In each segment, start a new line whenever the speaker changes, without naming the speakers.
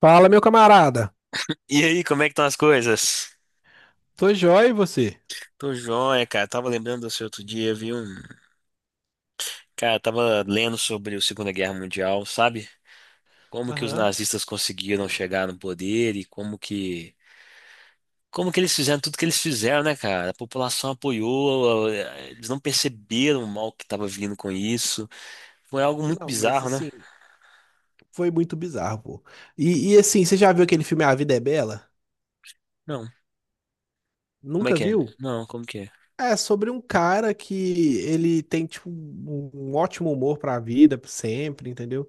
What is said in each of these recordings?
Fala, meu camarada.
E aí, como é que estão as coisas?
Tô jóia e você?
Tô joia, cara. Tava lembrando do seu outro dia, viu? Cara, tava lendo sobre a Segunda Guerra Mundial, sabe? Como que os
Aham.
nazistas conseguiram chegar no poder e como que eles fizeram tudo que eles fizeram, né, cara? A população apoiou, eles não perceberam o mal que tava vindo com isso. Foi algo muito
Não, mas
bizarro, né?
assim, foi muito bizarro, pô. E, assim, você já viu aquele filme A Vida é Bela?
Não. Como é
Nunca
que é?
viu?
Não, como que é?
É sobre um cara que ele tem, tipo, um ótimo humor pra vida, sempre, entendeu?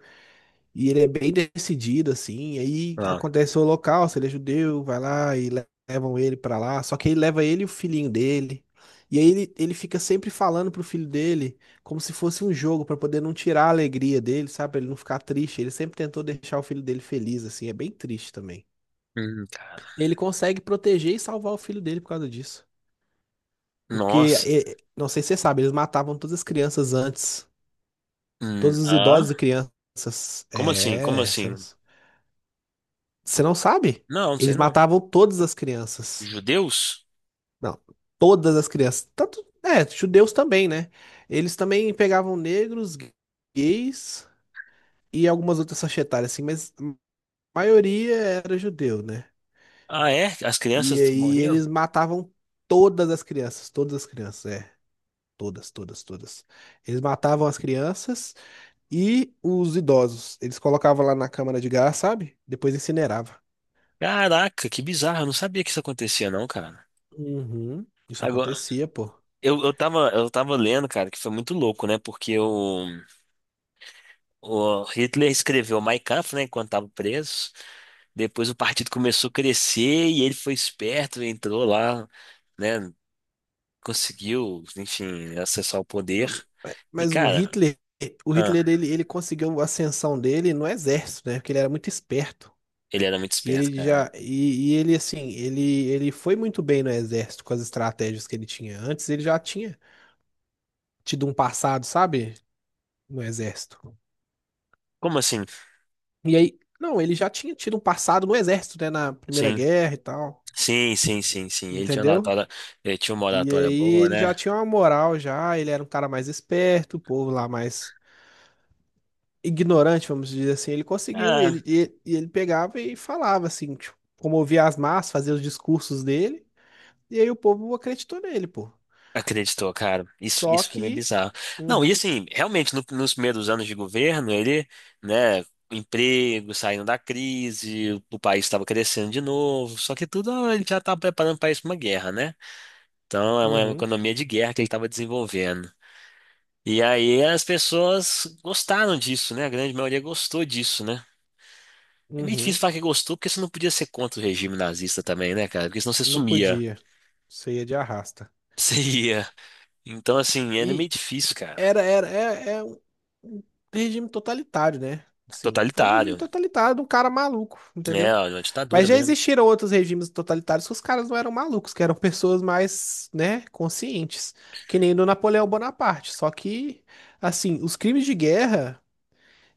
E ele é bem decidido, assim. Aí
Ah.
acontece o holocausto, ele é judeu, vai lá e levam ele pra lá. Só que aí leva ele e o filhinho dele. E aí ele fica sempre falando pro filho dele como se fosse um jogo, pra poder não tirar a alegria dele, sabe? Pra ele não ficar triste. Ele sempre tentou deixar o filho dele feliz, assim. É bem triste também.
Cara.
Ele consegue proteger e salvar o filho dele por causa disso. Porque,
Nossa.
não sei se você sabe, eles matavam todas as crianças antes. Todos os
Ah?
idosos e crianças.
Como assim? Como
É, você não.
assim?
Você não sabe?
Não, não sei
Eles
não.
matavam todas as crianças.
Judeus?
Não, todas as crianças. Tanto, é, judeus também, né? Eles também pegavam negros, gays e algumas outras faixa etária, assim, mas a maioria era judeu, né?
Ah, é? As
E
crianças
aí
morriam?
eles matavam todas as crianças, é. Todas, todas, todas. Eles matavam as crianças e os idosos. Eles colocavam lá na câmara de gás, sabe? Depois incinerava.
Caraca, que bizarro. Eu não sabia que isso acontecia, não, cara.
Uhum. Isso
Agora,
acontecia, pô.
eu tava lendo, cara, que foi muito louco, né? Porque o Hitler escreveu Mein Kampf, né, enquanto tava preso. Depois o partido começou a crescer e ele foi esperto, entrou lá, né? Conseguiu, enfim, acessar o poder.
Não,
E,
mas
cara,
O
ah,
Hitler ele, ele conseguiu a ascensão dele no exército, né? Porque ele era muito esperto.
ele era muito
E
esperto,
ele
cara.
já e, e ele assim, ele foi muito bem no exército com as estratégias que ele tinha. Antes ele já tinha tido um passado, sabe? No exército.
Como assim?
E aí, não, ele já tinha tido um passado no exército, né, na Primeira
Sim,
Guerra e tal,
sim, sim, sim, sim. Ele tinha uma
entendeu?
oratória, ele tinha uma
E
oratória
aí
boa,
ele já
né?
tinha uma moral já, ele era um cara mais esperto, o povo lá mais ignorante, vamos dizer assim, ele conseguiu,
Ah,
ele pegava e falava assim, tipo, comovia as massas, fazia os discursos dele, e aí o povo acreditou nele, pô.
acreditou, cara. Isso,
Só
isso foi meio
que,
bizarro. Não, e
uhum,
assim, realmente, nos primeiros anos de governo, ele, né, emprego, saindo da crise, o país estava crescendo de novo, só que tudo ele já estava preparando o país para uma guerra, né? Então, é uma
uhum,
economia de guerra que ele estava desenvolvendo. E aí as pessoas gostaram disso, né? A grande maioria gostou disso, né? É meio difícil
uhum,
falar que gostou, porque você não podia ser contra o regime nazista também, né, cara? Porque senão você
não
sumia.
podia. Isso ia de arrasta.
Você ia. Então, assim, era meio
E
difícil, cara.
era, é um regime totalitário, né? Sim, foi um regime
Totalitário.
totalitário de um cara maluco, entendeu?
É, ó, uma ditadura
Mas já
mesmo.
existiram outros regimes totalitários que os caras não eram malucos, que eram pessoas mais, né, conscientes, que nem do Napoleão Bonaparte. Só que, assim, os crimes de guerra,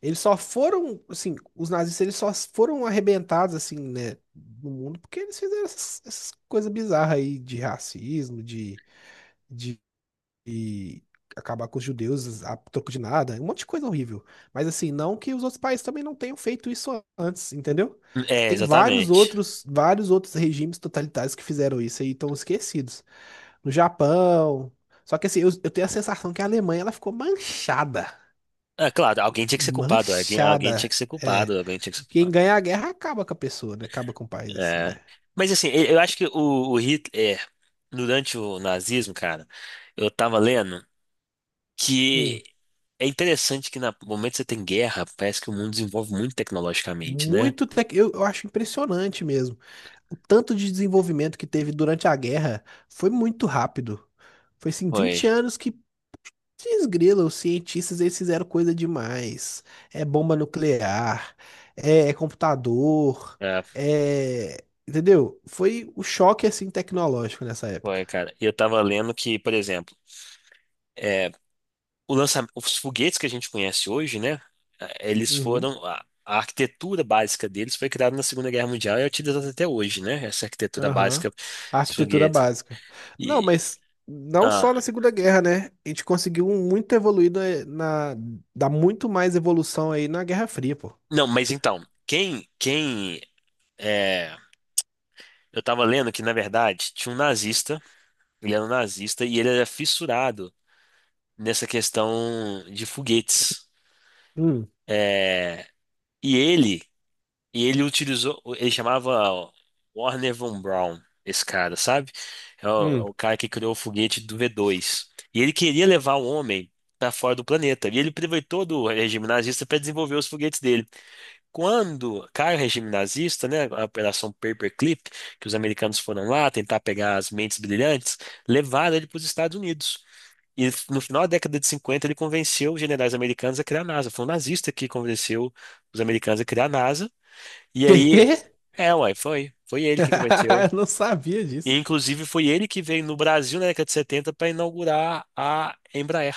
eles só foram, assim, os nazistas eles só foram arrebentados, assim, né, no mundo porque eles fizeram essas, coisas bizarras aí de racismo, de, e acabar com os judeus a troco de nada, um monte de coisa horrível. Mas assim, não que os outros países também não tenham feito isso antes, entendeu?
É,
Tem vários
exatamente.
outros, vários outros regimes totalitários que fizeram isso e estão esquecidos. No Japão. Só que assim, eu tenho a sensação que a Alemanha ela ficou manchada.
É, claro, alguém tinha que ser culpado, alguém tinha
Manchada.
que ser
É.
culpado, alguém tinha que ser
Quem
culpado.
ganha a guerra acaba com a pessoa, né? Acaba com o país, assim, né?
É. Mas assim, eu acho que o Hitler, durante o nazismo, cara, eu tava lendo
Hum.
que é interessante que no momento que você tem guerra, parece que o mundo desenvolve muito tecnologicamente, né?
Muito. Eu acho impressionante mesmo o tanto de desenvolvimento que teve durante a guerra foi muito rápido. Foi assim,
Foi,
20 anos que desgrila, os cientistas eles fizeram coisa demais. É bomba nuclear, é computador,
é,
Entendeu? Foi o choque assim tecnológico nessa época.
foi, cara. E eu tava lendo que, por exemplo, é, o lançamento, os foguetes que a gente conhece hoje, né? eh, Eles
Uhum,
foram a, a arquitetura básica deles foi criada na Segunda Guerra Mundial e é utilizada até hoje, né? Essa arquitetura
aham.
básica,
A
esse
arquitetura
foguete.
básica. Não,
E,
mas não
ah,
só na Segunda Guerra, né? A gente conseguiu um muito evoluído Dá muito mais evolução aí na Guerra Fria, pô.
não, mas então, é, eu estava lendo que na verdade tinha um nazista, ele era um nazista e ele era fissurado nessa questão de foguetes.
Hum,
é e ele E ele utilizou, ele chamava Warner von Braun, esse cara, sabe? É o, é
hum.
o cara que criou o foguete do V2. E ele queria levar o homem para fora do planeta. E ele aproveitou do regime nazista para desenvolver os foguetes dele. Quando cai o regime nazista, né, a Operação Paperclip, que os americanos foram lá tentar pegar as mentes brilhantes, levaram ele para os Estados Unidos. E no final da década de 50 ele convenceu os generais americanos a criar a NASA. Foi um nazista que convenceu os americanos a criar a NASA. E
Quê?
aí, uai, foi. Foi ele que cometeu.
Eu não sabia
E,
disso.
inclusive, foi ele que veio no Brasil na década de 70 para inaugurar a Embraer.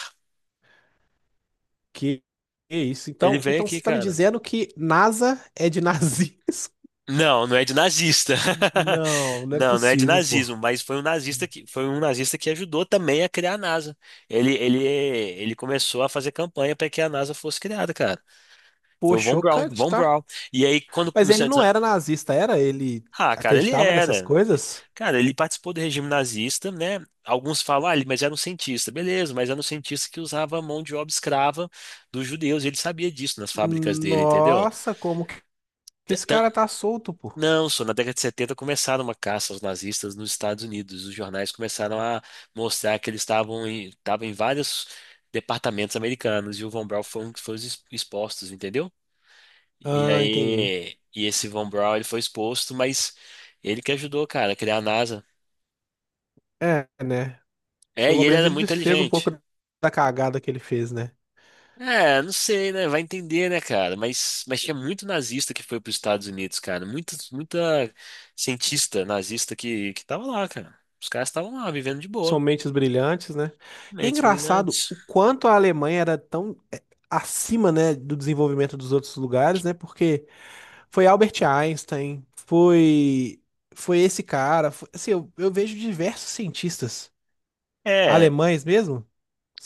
Que que isso?
Ele
Então,
veio
então
aqui,
você tá me
cara.
dizendo que NASA é de nazismo?
Não, não é de nazista.
Não, não é
Não, não é de
possível, pô.
nazismo, mas foi um nazista que foi um nazista que ajudou também a criar a NASA. Ele começou a fazer campanha para que a NASA fosse criada, cara. Foi
Pô,
o Von Braun,
chocante,
Von
tá?
Braun. E aí quando
Mas ele não era nazista, era? Ele
Ah, cara, ele
acreditava nessas
era.
coisas?
Cara, ele participou do regime nazista, né? Alguns falam, ah, mas era um cientista. Beleza, mas era um cientista que usava a mão de obra escrava dos judeus. Ele sabia disso nas fábricas dele, entendeu?
Nossa, como que
T-
esse
tan-
cara tá solto, pô?
Não, só na década de 70 começaram uma caça aos nazistas nos Estados Unidos. Os jornais começaram a mostrar que estavam em vários departamentos americanos e o Von Braun foi um que foi os expostos, entendeu? E
Ah, entendi.
aí, e esse Von Braun, ele foi exposto, mas ele que ajudou, cara, a criar a NASA.
É, né?
É, e
Pelo
ele
menos
era
ele
muito
desfez um pouco
inteligente.
da cagada que ele fez, né?
É, não sei, né? Vai entender, né, cara? Mas tinha muito nazista que foi para os Estados Unidos, cara. Muita, muita cientista nazista que tava lá, cara. Os caras estavam lá, vivendo de
São
boa.
mentes brilhantes, né? E é
Mentes
engraçado
brilhantes.
o quanto a Alemanha era tão acima, né, do desenvolvimento dos outros lugares, né? Porque foi Albert Einstein, foi esse cara, assim, eu vejo diversos cientistas
É,
alemães mesmo,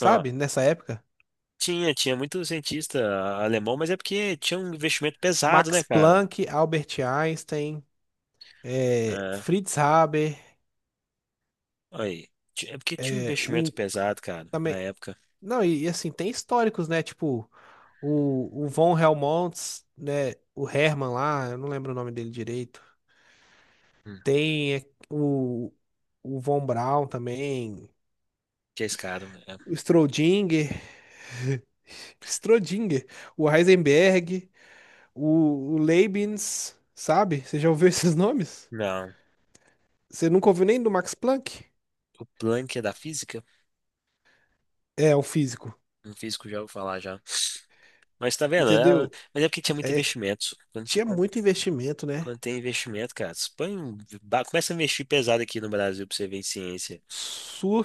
ó,
Nessa época,
tinha muito cientista alemão, mas é porque tinha um investimento pesado, né,
Max
cara?
Planck, Albert Einstein,
É,
Fritz Haber,
olha aí. É porque tinha um
eh,
investimento
o
pesado, cara, na época.
Não, e assim, tem históricos, né? Tipo, o Von Helmont, né? O Herman lá, eu não lembro o nome dele direito.
Hum,
Tem é, o Von Braun também,
que é esse cara, é.
o Strodinger, Strodinger, o Heisenberg, o Leibniz, sabe? Você já ouviu esses nomes?
Não.
Você nunca ouviu nem do Max Planck?
O Planck é da física?
É, o físico,
Um físico já ouviu falar já. Mas tá vendo?
entendeu?
Mas é porque tinha muito
É,
investimento. Quando, ti-
tinha
quando-
muito investimento, né?
quando tem investimento, cara, você põe, começa a investir pesado aqui no Brasil pra você ver em ciência.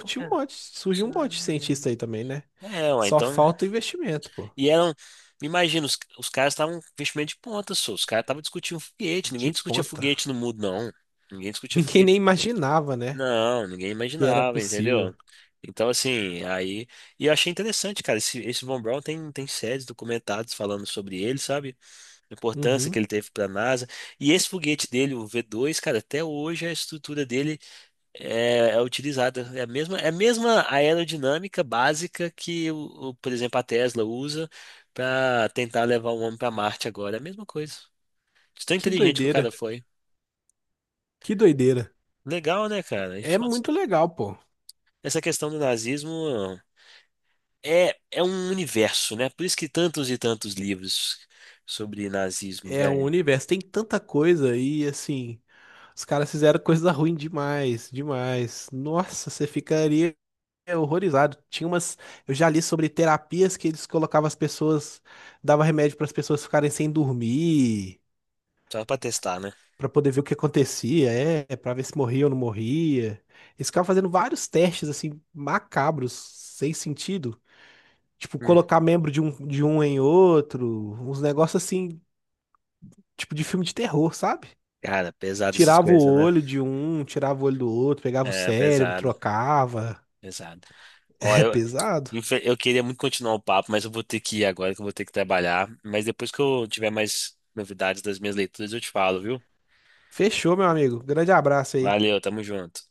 Como que É,
Surge
Isso
um monte de cientista
não-
aí também, né?
É, ué,
Só
então.
falta o investimento, pô.
E eram. Imagina, os caras estavam com investimento de ponta, só. Os caras estavam discutindo foguete. Ninguém
De
discutia
ponta.
foguete no mundo, não. Ninguém discutia
Ninguém
foguete.
nem imaginava, né?
Não, ninguém
Que era
imaginava,
possível.
entendeu? Então, assim, aí. E eu achei interessante, cara. Esse Von Braun tem séries documentadas falando sobre ele, sabe? A importância que
Uhum.
ele teve para a NASA. E esse foguete dele, o V2, cara, até hoje a estrutura dele é utilizada. É a mesma aerodinâmica básica que, por exemplo, a Tesla usa para tentar levar o homem para Marte agora. É a mesma coisa. De tão
Que
inteligente que o cara
doideira.
foi.
Que doideira.
Legal, né, cara?
É muito legal, pô.
Essa questão do nazismo é um universo, né? Por isso que tantos e tantos livros sobre nazismo,
É um
velho.
universo, tem tanta coisa e assim, os caras fizeram coisa ruim demais, demais. Nossa, você ficaria horrorizado. Tinha umas, eu já li sobre terapias que eles colocavam as pessoas, dava remédio para as pessoas ficarem sem dormir.
Só pra testar, né?
Pra poder ver o que acontecia, é, pra ver se morria ou não morria. Eles ficavam fazendo vários testes, assim, macabros, sem sentido. Tipo,
Hum.
colocar membro de um, em outro, uns negócios assim, tipo de filme de terror, sabe?
Cara, pesado essas
Tirava o
coisas, né?
olho de um, tirava o olho do outro, pegava o
É,
cérebro,
pesado,
trocava.
pesado. Ó,
É pesado.
eu queria muito continuar o papo, mas eu vou ter que ir agora, que eu vou ter que trabalhar. Mas depois que eu tiver mais novidades das minhas leituras, eu te falo, viu?
Fechou, meu amigo. Grande abraço aí.
Valeu, tamo junto.